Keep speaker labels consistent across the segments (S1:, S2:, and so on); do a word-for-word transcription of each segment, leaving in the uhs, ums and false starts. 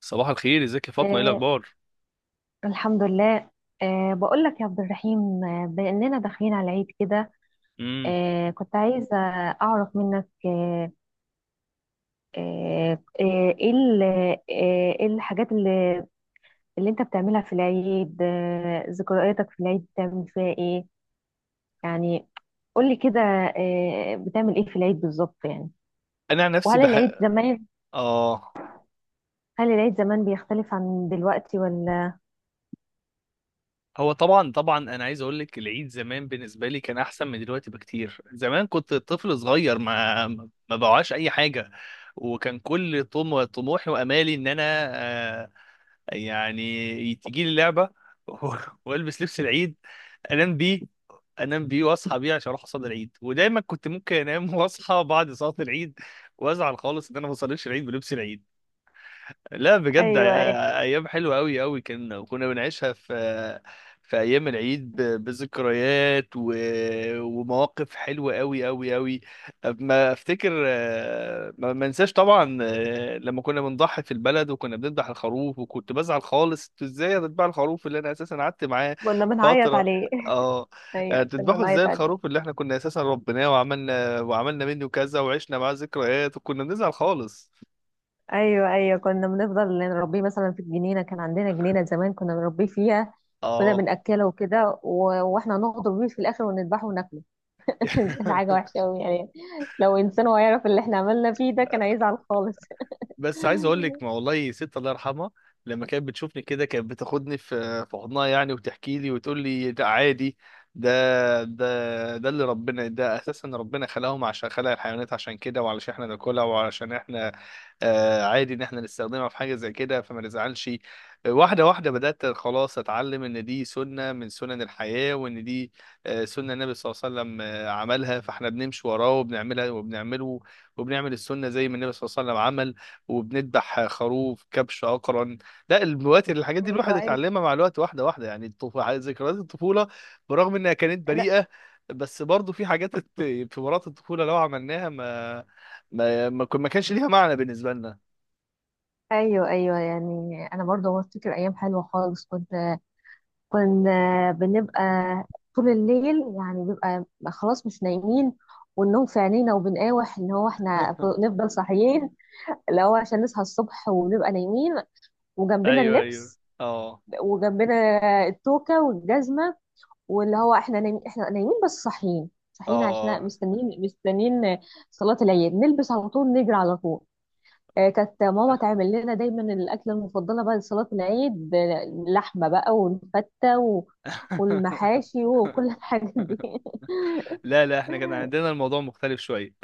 S1: صباح الخير، ازيك يا فاطمه؟ ايه
S2: آه
S1: الاخبار؟
S2: الحمد لله. آه بقول لك يا عبد الرحيم، آه، بأننا داخلين على العيد كده.
S1: امم
S2: آه كنت عايزة أعرف منك. آه آه آه، إيه ال- آه، إيه الحاجات اللي, اللي أنت بتعملها في العيد؟ آه ذكرياتك في العيد بتعمل فيها إيه يعني؟ قولي كده. آه بتعمل إيه في العيد بالظبط يعني؟
S1: انا عن نفسي
S2: وهل
S1: بح.
S2: العيد زمان،
S1: اه.
S2: هل العيد زمان بيختلف عن دلوقتي ولا؟
S1: هو طبعا طبعا انا عايز اقول لك العيد زمان بالنسبه لي كان احسن من دلوقتي بكتير. زمان كنت طفل صغير، ما ما بوعاش اي حاجه، وكان كل طم... طموحي وامالي ان انا آه يعني تجي لي لعبه، والبس لبس العيد، انام بيه انام بيه واصحى بيه عشان اروح اصلي العيد. ودايما كنت ممكن انام واصحى بعد صلاه العيد وازعل خالص ان انا ما بصليش العيد بلبس العيد. لا بجد،
S2: ايوه ايوه،
S1: آه، ايام حلوه قوي قوي كنا، وكنا بنعيشها في في ايام العيد ب- بذكريات و... ومواقف حلوه قوي قوي قوي. ما افتكر، آه، ما ما انساش طبعا، آه، لما كنا بنضحي في البلد وكنا بنذبح الخروف. وكنت بزعل خالص: انتوا ازاي هتذبحوا الخروف اللي انا اساسا قعدت معاه
S2: كنا بنعيط
S1: فتره؟
S2: عليه.
S1: اه. آه،
S2: ايوه كنا
S1: تذبحوا ازاي
S2: بنعيط عليه.
S1: الخروف اللي احنا كنا اساسا ربيناه وعملنا وعملنا منه كذا وعشنا معاه ذكريات؟ وكنا بنزعل خالص.
S2: ايوه ايوه، كنا بنفضل نربيه مثلا في الجنينه، كان عندنا جنينه زمان كنا بنربيه فيها، كنا
S1: اه.
S2: بناكله وكده و- واحنا نغدر بيه في الاخر ونذبحه وناكله. كانت حاجه وحشه قوي يعني. لو انسان هيعرف اللي احنا عملنا فيه ده كان هيزعل خالص.
S1: بس عايز اقول لك، ما والله ست الله يرحمها لما كانت بتشوفني كده كانت بتاخدني في في حضنها يعني، وتحكي لي وتقول لي ده عادي. ده ده ده اللي ربنا، ده اساسا ربنا خلقهم عشان خلق الحيوانات عشان كده، وعلشان احنا ناكلها، وعلشان احنا آه، عادي ان احنا نستخدمها في حاجه زي كده فما نزعلش. آه، واحده واحده بدات خلاص اتعلم ان دي سنه من سنن الحياه، وان دي آه، سنه النبي صلى الله عليه وسلم، آه، عملها، فاحنا بنمشي وراه وبنعملها وبنعمله وبنعمل السنه زي ما النبي صلى الله عليه وسلم عمل، وبنذبح خروف كبش اقرن. لا الوقت الحاجات دي
S2: ايوه
S1: الواحد
S2: ايوه.
S1: اتعلمها مع الوقت، واحده واحده. يعني الطف- ذكريات الطفوله برغم انها كانت
S2: لا.
S1: بريئه، بس برضه في حاجات الت- في مرات الطفوله لو عملناها ما ما ما ما كانش ليها معنى بالنسبه لنا.
S2: ايوه ايوه، يعني انا برضه بفتكر ايام حلوه خالص. كنت كنا بنبقى طول الليل يعني، بيبقى خلاص مش نايمين، والنوم في عينينا وبنقاوح ان هو احنا نفضل صاحيين، اللي هو عشان نصحى الصبح ونبقى نايمين، وجنبنا
S1: ايوه ايوه.
S2: اللبس،
S1: اه
S2: وجنبنا التوكة والجزمة، واللي هو احنا نايم احنا نايمين بس صاحيين صاحيين، عشان
S1: اه.
S2: مستنيين مستنيين صلاة العيد، نلبس على طول، نجري على طول. آه، كانت ماما تعمل لنا دايما الأكلة المفضلة بعد صلاة العيد، آه، لحمة بقى والفتة و- والمحاشي وكل الحاجات دي.
S1: لا لا، احنا كان عندنا الموضوع مختلف شويه.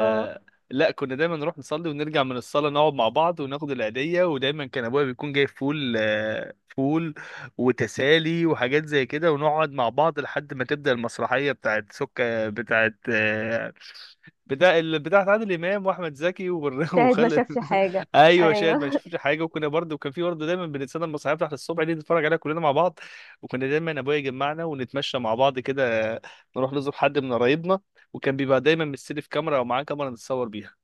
S2: اه،
S1: لا كنا دايما نروح نصلي ونرجع من الصلاه، نقعد مع بعض وناخد العيديه. ودايما كان ابويا بيكون جايب فول، آه، فول وتسالي وحاجات زي كده. ونقعد مع بعض لحد ما تبدا المسرحيه بتاعت سكه بتاعت، آه، بتاع ال- بتاعت عادل امام واحمد زكي وبر-
S2: شاهد ما
S1: وخالد.
S2: شافش حاجة.
S1: ايوه شاهد ما
S2: ايوه.
S1: شفتش حاجه. وكنا برضه، وكان في برضه دايما بنتسنى المسرحيه بتاعت الصبح دي نتفرج عليها كلنا مع بعض. وكنا دايما ابويا يجمعنا ونتمشى مع بعض كده، نروح نزور حد من قرايبنا. وكان بيبقى دايما مستلف كاميرا او معاه كاميرا نتصور بيها.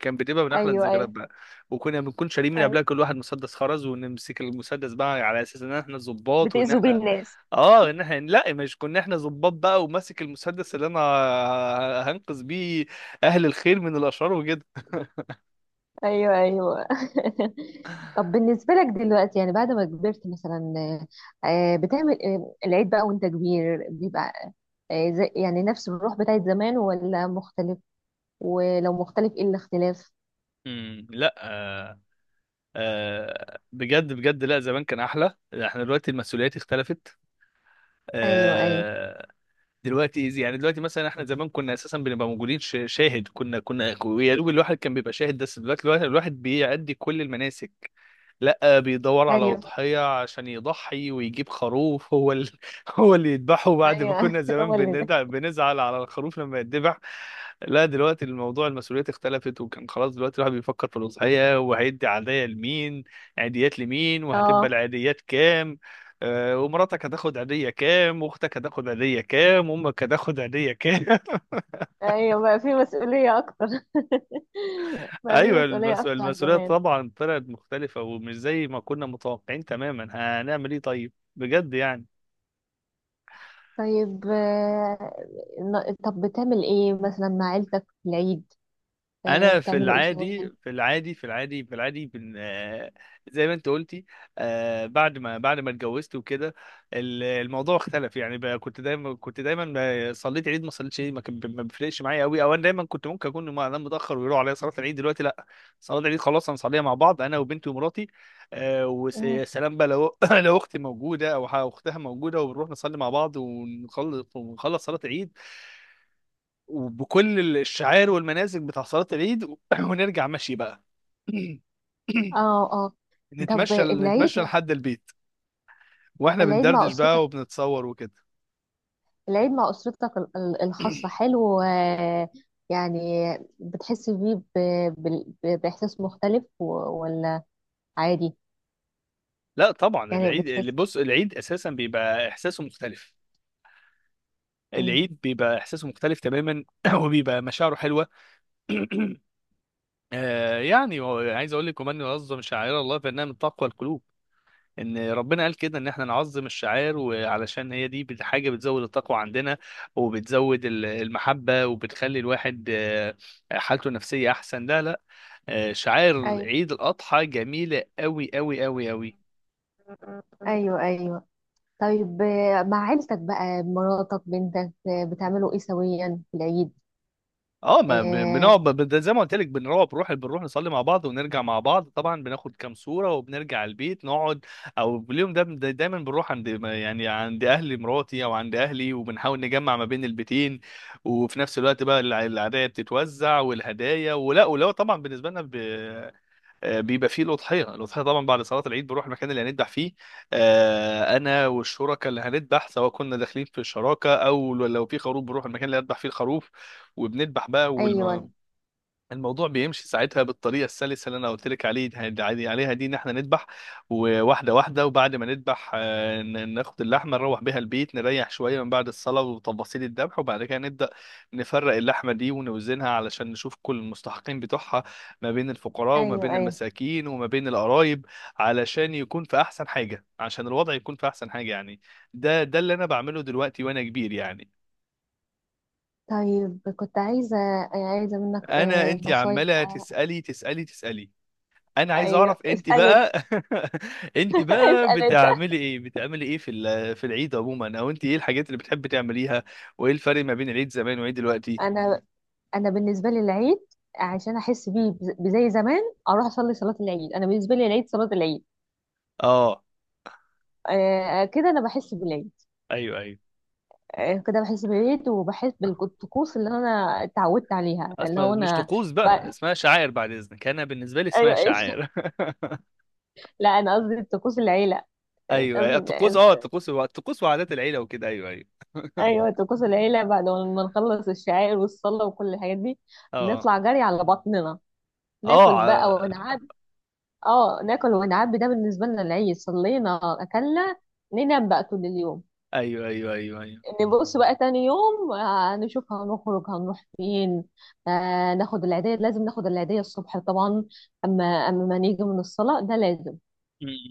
S1: كان بتبقى من احلى
S2: ايوه
S1: الذكريات
S2: ايوه
S1: بقى. وكنا بنكون شاريين من
S2: ايوه،
S1: قبلها كل واحد مسدس خرز، ونمسك المسدس بقى على اساس ان احنا الضباط وان
S2: بتأذوا بيه
S1: احنا
S2: الناس.
S1: اه، ان احنا لا، مش كنا احنا ظباط بقى، وماسك المسدس اللي انا هنقذ بيه اهل الخير من الاشرار وكده.
S2: ايوه ايوه. طب بالنسبه لك دلوقتي، يعني بعد ما كبرت مثلا، آه، بتعمل آه، العيد بقى وانت كبير بيبقى آه، زي- يعني نفس الروح بتاعت زمان ولا مختلف؟ ولو مختلف ايه الاختلاف؟
S1: امم لا. آه بجد بجد، لا زمان كان احلى. احنا دلوقتي المسؤوليات اختلفت.
S2: ايوه ايوه.
S1: آه، دلوقتي إيزي. يعني دلوقتي مثلا احنا زمان كنا اساسا بنبقى موجودين، ش- شاهد. كنا كنا يا دوب الواحد كان بيبقى شاهد، بس دلوقتي الواحد الواحد بيأدي كل المناسك. لا بيدور على
S2: ايوه
S1: أضحية عشان يضحي ويجيب خروف هو ال... هو اللي يذبحه، بعد ما
S2: ايوه.
S1: كنا زمان
S2: هو اللي ده.
S1: بندع... بنزعل على الخروف لما يتذبح. لا دلوقتي الموضوع المسؤوليات اختلفت. وكان خلاص دلوقتي الواحد بيفكر في الأضحية، وهيدي عادية لمين، عيديات لمين، وهتبقى
S2: اه.
S1: العيديات كام، آه، ومراتك هتاخد عيدية كام، واختك هتاخد عيدية كام، وامك هتاخد عيدية كام.
S2: ايوه بقى في مسؤوليه اكتر. بقى في
S1: ايوه،
S2: مسؤوليه
S1: المس-
S2: اكتر عن
S1: المسؤولية
S2: زمان.
S1: طبعا طلعت مختلفة ومش زي ما كنا متوقعين تماما. هنعمل ايه؟ طيب بجد يعني.
S2: طيب آه، ن- طب بتعمل ايه مثلا مع عيلتك في العيد؟ آه،
S1: انا في
S2: بتعملوا ايه
S1: العادي
S2: سويا؟
S1: في العادي في العادي في العادي بن... آه، زي ما انت قلتي، آه، بعد ما بعد ما اتجوزت وكده ال- الموضوع اختلف يعني بقى. كنت دايما كنت دايما ب- صليت عيد ما صليتش عيد، ما كان ب- ما بيفرقش معايا قوي، او انا دايما كنت ممكن اكون م- انام متاخر ويروح عليا صلاه العيد. دلوقتي لا، صلاه العيد خلاص هنصليها مع بعض انا وبنتي ومراتي. آه، وسلام بقى. لو لو اختي موجوده او ح- اختها موجوده، وبنروح نصلي مع بعض ونخلص، ونخلص صلاه العيد وبكل الشعائر والمناسك بتاع صلاة العيد، و- ونرجع مشي بقى.
S2: اه اه. طب
S1: نتمشى
S2: العيد،
S1: نتمشى لحد البيت، واحنا
S2: العيد مع
S1: بندردش
S2: اسرتك،
S1: بقى وبنتصور وكده.
S2: العيد مع اسرتك ال- ال- الخاصه حلو آه، يعني بتحس بيه ب- بال- ب- باحساس مختلف و- ولا عادي؟
S1: لا طبعا
S2: يعني
S1: العيد اللي
S2: بتحس.
S1: بص، العيد اساسا بيبقى احساسه مختلف.
S2: مم.
S1: العيد بيبقى احساسه مختلف تماما، وبيبقى مشاعره حلوه. آه يعني هو- عايز اقول لك: ومن يعظم شعائر الله فانها من تقوى القلوب. ان ربنا قال كده ان احنا نعظم الشعائر، وعلشان هي دي بت- حاجه بتزود التقوى عندنا، وبتزود ال- المحبه، وبتخلي الواحد آه، حالته النفسيه احسن. لا لا، آه، شعائر
S2: ايوه
S1: عيد الاضحى جميله قوي قوي قوي قوي.
S2: ايوه ايوه. طيب آه، مع عيلتك بقى، مراتك بنتك، آه، بتعملوا ايه سويا في العيد؟
S1: اه ما بن-
S2: آه،
S1: بنقعد ب- ب- زي ما قلت لك، بنروح بنروح بنروح نصلي مع بعض ونرجع مع بعض. طبعا بناخد كام صورة وبنرجع البيت نقعد. او اليوم ده دا دايما بنروح عند، يعني عند اهل مراتي او عند اهلي، وبنحاول نجمع ما بين البيتين. وفي نفس الوقت بقى الع- العادية بتتوزع والهدايا، ولا ولو طبعا بالنسبة لنا، آه، بيبقى فيه الأضحية. الأضحية طبعا بعد صلاة العيد بنروح المكان اللي هنذبح فيه. آه، أنا والشركاء اللي هنذبح، سواء كنا داخلين في شراكة أو لو في خروف، بنروح المكان اللي هنذبح فيه الخروف وبنذبح بقى.
S2: ايوه
S1: الموضوع بيمشي ساعتها بالطريقه السلسه اللي انا قلت لك عليه عادي- عليها دي، ان احنا نذبح وواحده واحده. وبعد ما نذبح، آه، ن- ناخد اللحمه نروح بيها البيت، نريح شويه من بعد الصلاه وتفاصيل الذبح، وبعد كده نبدا نفرق اللحمه دي ونوزنها علشان نشوف كل المستحقين بتوعها، ما بين الفقراء وما
S2: ايوه
S1: بين
S2: ايوه.
S1: المساكين وما بين القرايب، علشان يكون في احسن حاجه، عشان الوضع يكون في احسن حاجه يعني. ده ده اللي انا بعمله دلوقتي وانا كبير يعني.
S2: طيب كنت عايزه، عايزه منك
S1: انا
S2: آه،
S1: انت
S2: نصايح
S1: عماله
S2: آه،
S1: تسالي تسالي تسالي. انا عايز اعرف
S2: ايوه
S1: انت
S2: اسال انت.
S1: بقى. انت بقى
S2: اسال انت.
S1: بتعملي ايه بتعملي ايه في ال- في العيد عموما، او انت ايه الحاجات اللي بتحبي تعمليها؟ وايه الفرق ما بين العيد زمان وعيد دلوقتي؟
S2: انا انا بالنسبه لي العيد، عشان احس بيه بز- بزي زمان اروح اصلي صلاه العيد. انا بالنسبه لي العيد صلاه العيد.
S1: اه.
S2: آه كده انا بحس بالعيد.
S1: ايوه ايوه.
S2: آه كده بحس بالعيد، وبحس بالطقوس اللي انا اتعودت عليها، اللي
S1: اسمع،
S2: هو
S1: مش
S2: انا
S1: طقوس
S2: ب...
S1: بقى، اسمها شعائر بعد اذنك. انا بالنسبه لي اسمها
S2: ايوه ايش.
S1: شعائر.
S2: لا انا قصدي طقوس العيله، مش
S1: ايوه أيوة،
S2: قصدي.
S1: الطقوس. اه الطقوس، الطقوس وعادات العيله وكده. ايوه ايوه.
S2: ايوه طقوس العيله. بعد ما نخلص الشعائر والصلاه وكل الحاجات دي،
S1: اه
S2: نطلع جري على بطننا،
S1: اه.
S2: ناكل بقى
S1: ع-
S2: ونعبي. اه، ناكل ونعبي. ده بالنسبه لنا العيد، صلينا اكلنا، ننام بقى طول اليوم.
S1: ايوه ايوه ايوه ايوه.
S2: نبص بقى تاني يوم آه، نشوف هنخرج هنروح فين. آه، ناخد العيدية، لازم ناخد العيدية الصبح طبعا. أما أما ما نيجي من الصلاة ده، لازم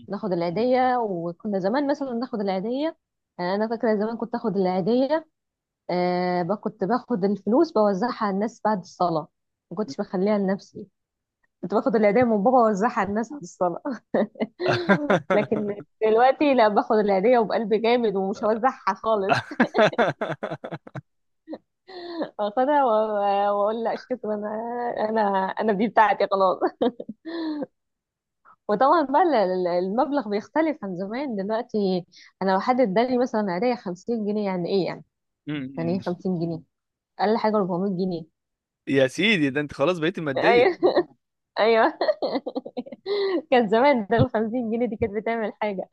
S2: ناخد العيدية. وكنا زمان مثلا ناخد العيدية. آه، أنا فاكرة زمان كنت آخد العيدية. آه، ب- كنت باخد الفلوس بوزعها على الناس بعد الصلاة، ما كنتش بخليها لنفسي. كنت باخد العيدية من بابا ووزعها على الناس بعد الصلاة. لكن دلوقتي لا، باخد العيدية وبقلب جامد ومش هوزعها خالص. واخدها و- واقول لا شكرا، انا انا انا دي بتاعتي خلاص. وطبعا بقى ال- ال- المبلغ بيختلف عن زمان دلوقتي. انا لو حد اداني مثلا عيدية خمسين جنيه، يعني ايه يعني؟
S1: م-
S2: يعني ايه
S1: م.
S2: خمسين جنيه؟ اقل حاجة اربعمية جنيه.
S1: يا سيدي، ده انت خلاص بقيت مادية.
S2: ايوه. ايوه. كان زمان ده ال خمسين جنيه دي كانت بتعمل حاجة.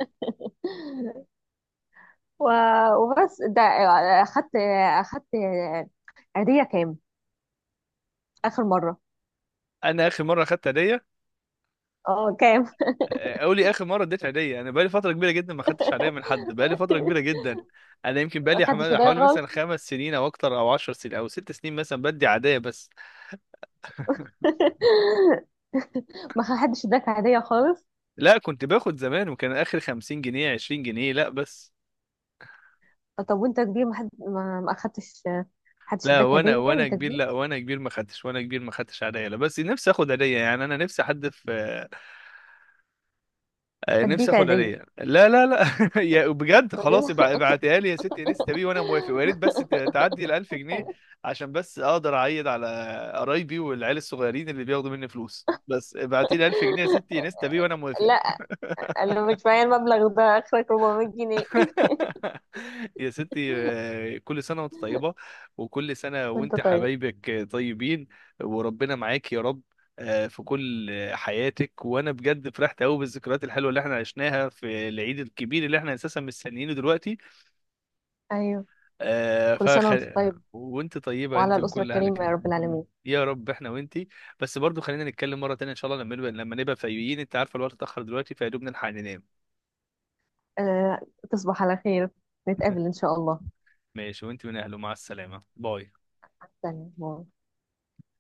S2: و- وبس ده. اخدت اخدت عيدية كام اخر مرة؟
S1: انا اخر مره اخدت هديه،
S2: اه كام؟
S1: آه، اقول لي اخر مره اديت هديه، انا بقالي فتره كبيره جدا ما خدتش هديه من حد، بقالي فتره كبيره جدا. انا يمكن بقالي
S2: اخدت
S1: حما-
S2: هدية
S1: حوالي مثلا
S2: غلط.
S1: خمس سنين او اكتر، او عشر سنين، او ست سنين مثلا، بدي عاديه بس.
S2: ما حدش اداك هدية خالص؟
S1: لا كنت باخد زمان، وكان اخر خمسين جنيه، عشرين جنيه، لا بس.
S2: طب وانت كبير ما حد ما ما اخدتش ما حدش
S1: لا
S2: اداك
S1: وانا
S2: هدية
S1: وانا
S2: انت
S1: كبير،
S2: كبير؟
S1: لا وانا كبير ما خدتش، وانا كبير ما خدتش هديه. لا بس نفسي اخد هديه يعني، انا نفسي حد في، آه، نفسي
S2: هديك
S1: اخد
S2: هدية
S1: هديه. لا لا لا، يا بجد خلاص
S2: بعدين.
S1: ابع- ابعتيها لي يا ستي انستا بيه وانا موافق، ويا ريت بس ت- تعدي ال ألف جنيه عشان بس اقدر اعيد على قرايبي والعيال الصغيرين اللي بياخدوا مني فلوس. بس ابعتي لي ألف جنيه يا ستي انستا بيه وانا موافق.
S2: لا انا مش معايا المبلغ ده، اخرك اربعمائة جنيه.
S1: يا ستي، آه، كل سنة وانت طيبة، وكل سنة
S2: وانت
S1: وانت
S2: طيب.
S1: حبايبك طيبين، وربنا معاك يا رب، آه، في كل حياتك. وانا بجد فرحت قوي بالذكريات الحلوه اللي احنا عشناها في العيد الكبير اللي احنا اساسا مستنيينه دلوقتي.
S2: ايوه
S1: آه،
S2: كل سنة
S1: فخ...
S2: وانت طيب،
S1: وانت طيبه
S2: وعلى
S1: انت
S2: الأسرة
S1: وكل اهلك
S2: الكريمة يا
S1: هنا.
S2: رب العالمين.
S1: يا رب احنا وانت. بس برضو خلينا نتكلم مره تانية ان شاء الله، لما نبقى لما نبقى فايقين. انت عارفه الوقت اتاخر دلوقتي، فيا دوب نلحق ننام.
S2: أه، تصبح على خير، نتقابل إن شاء الله
S1: ماشي، وانت من اهله، مع السلامه. باي.
S2: تاني.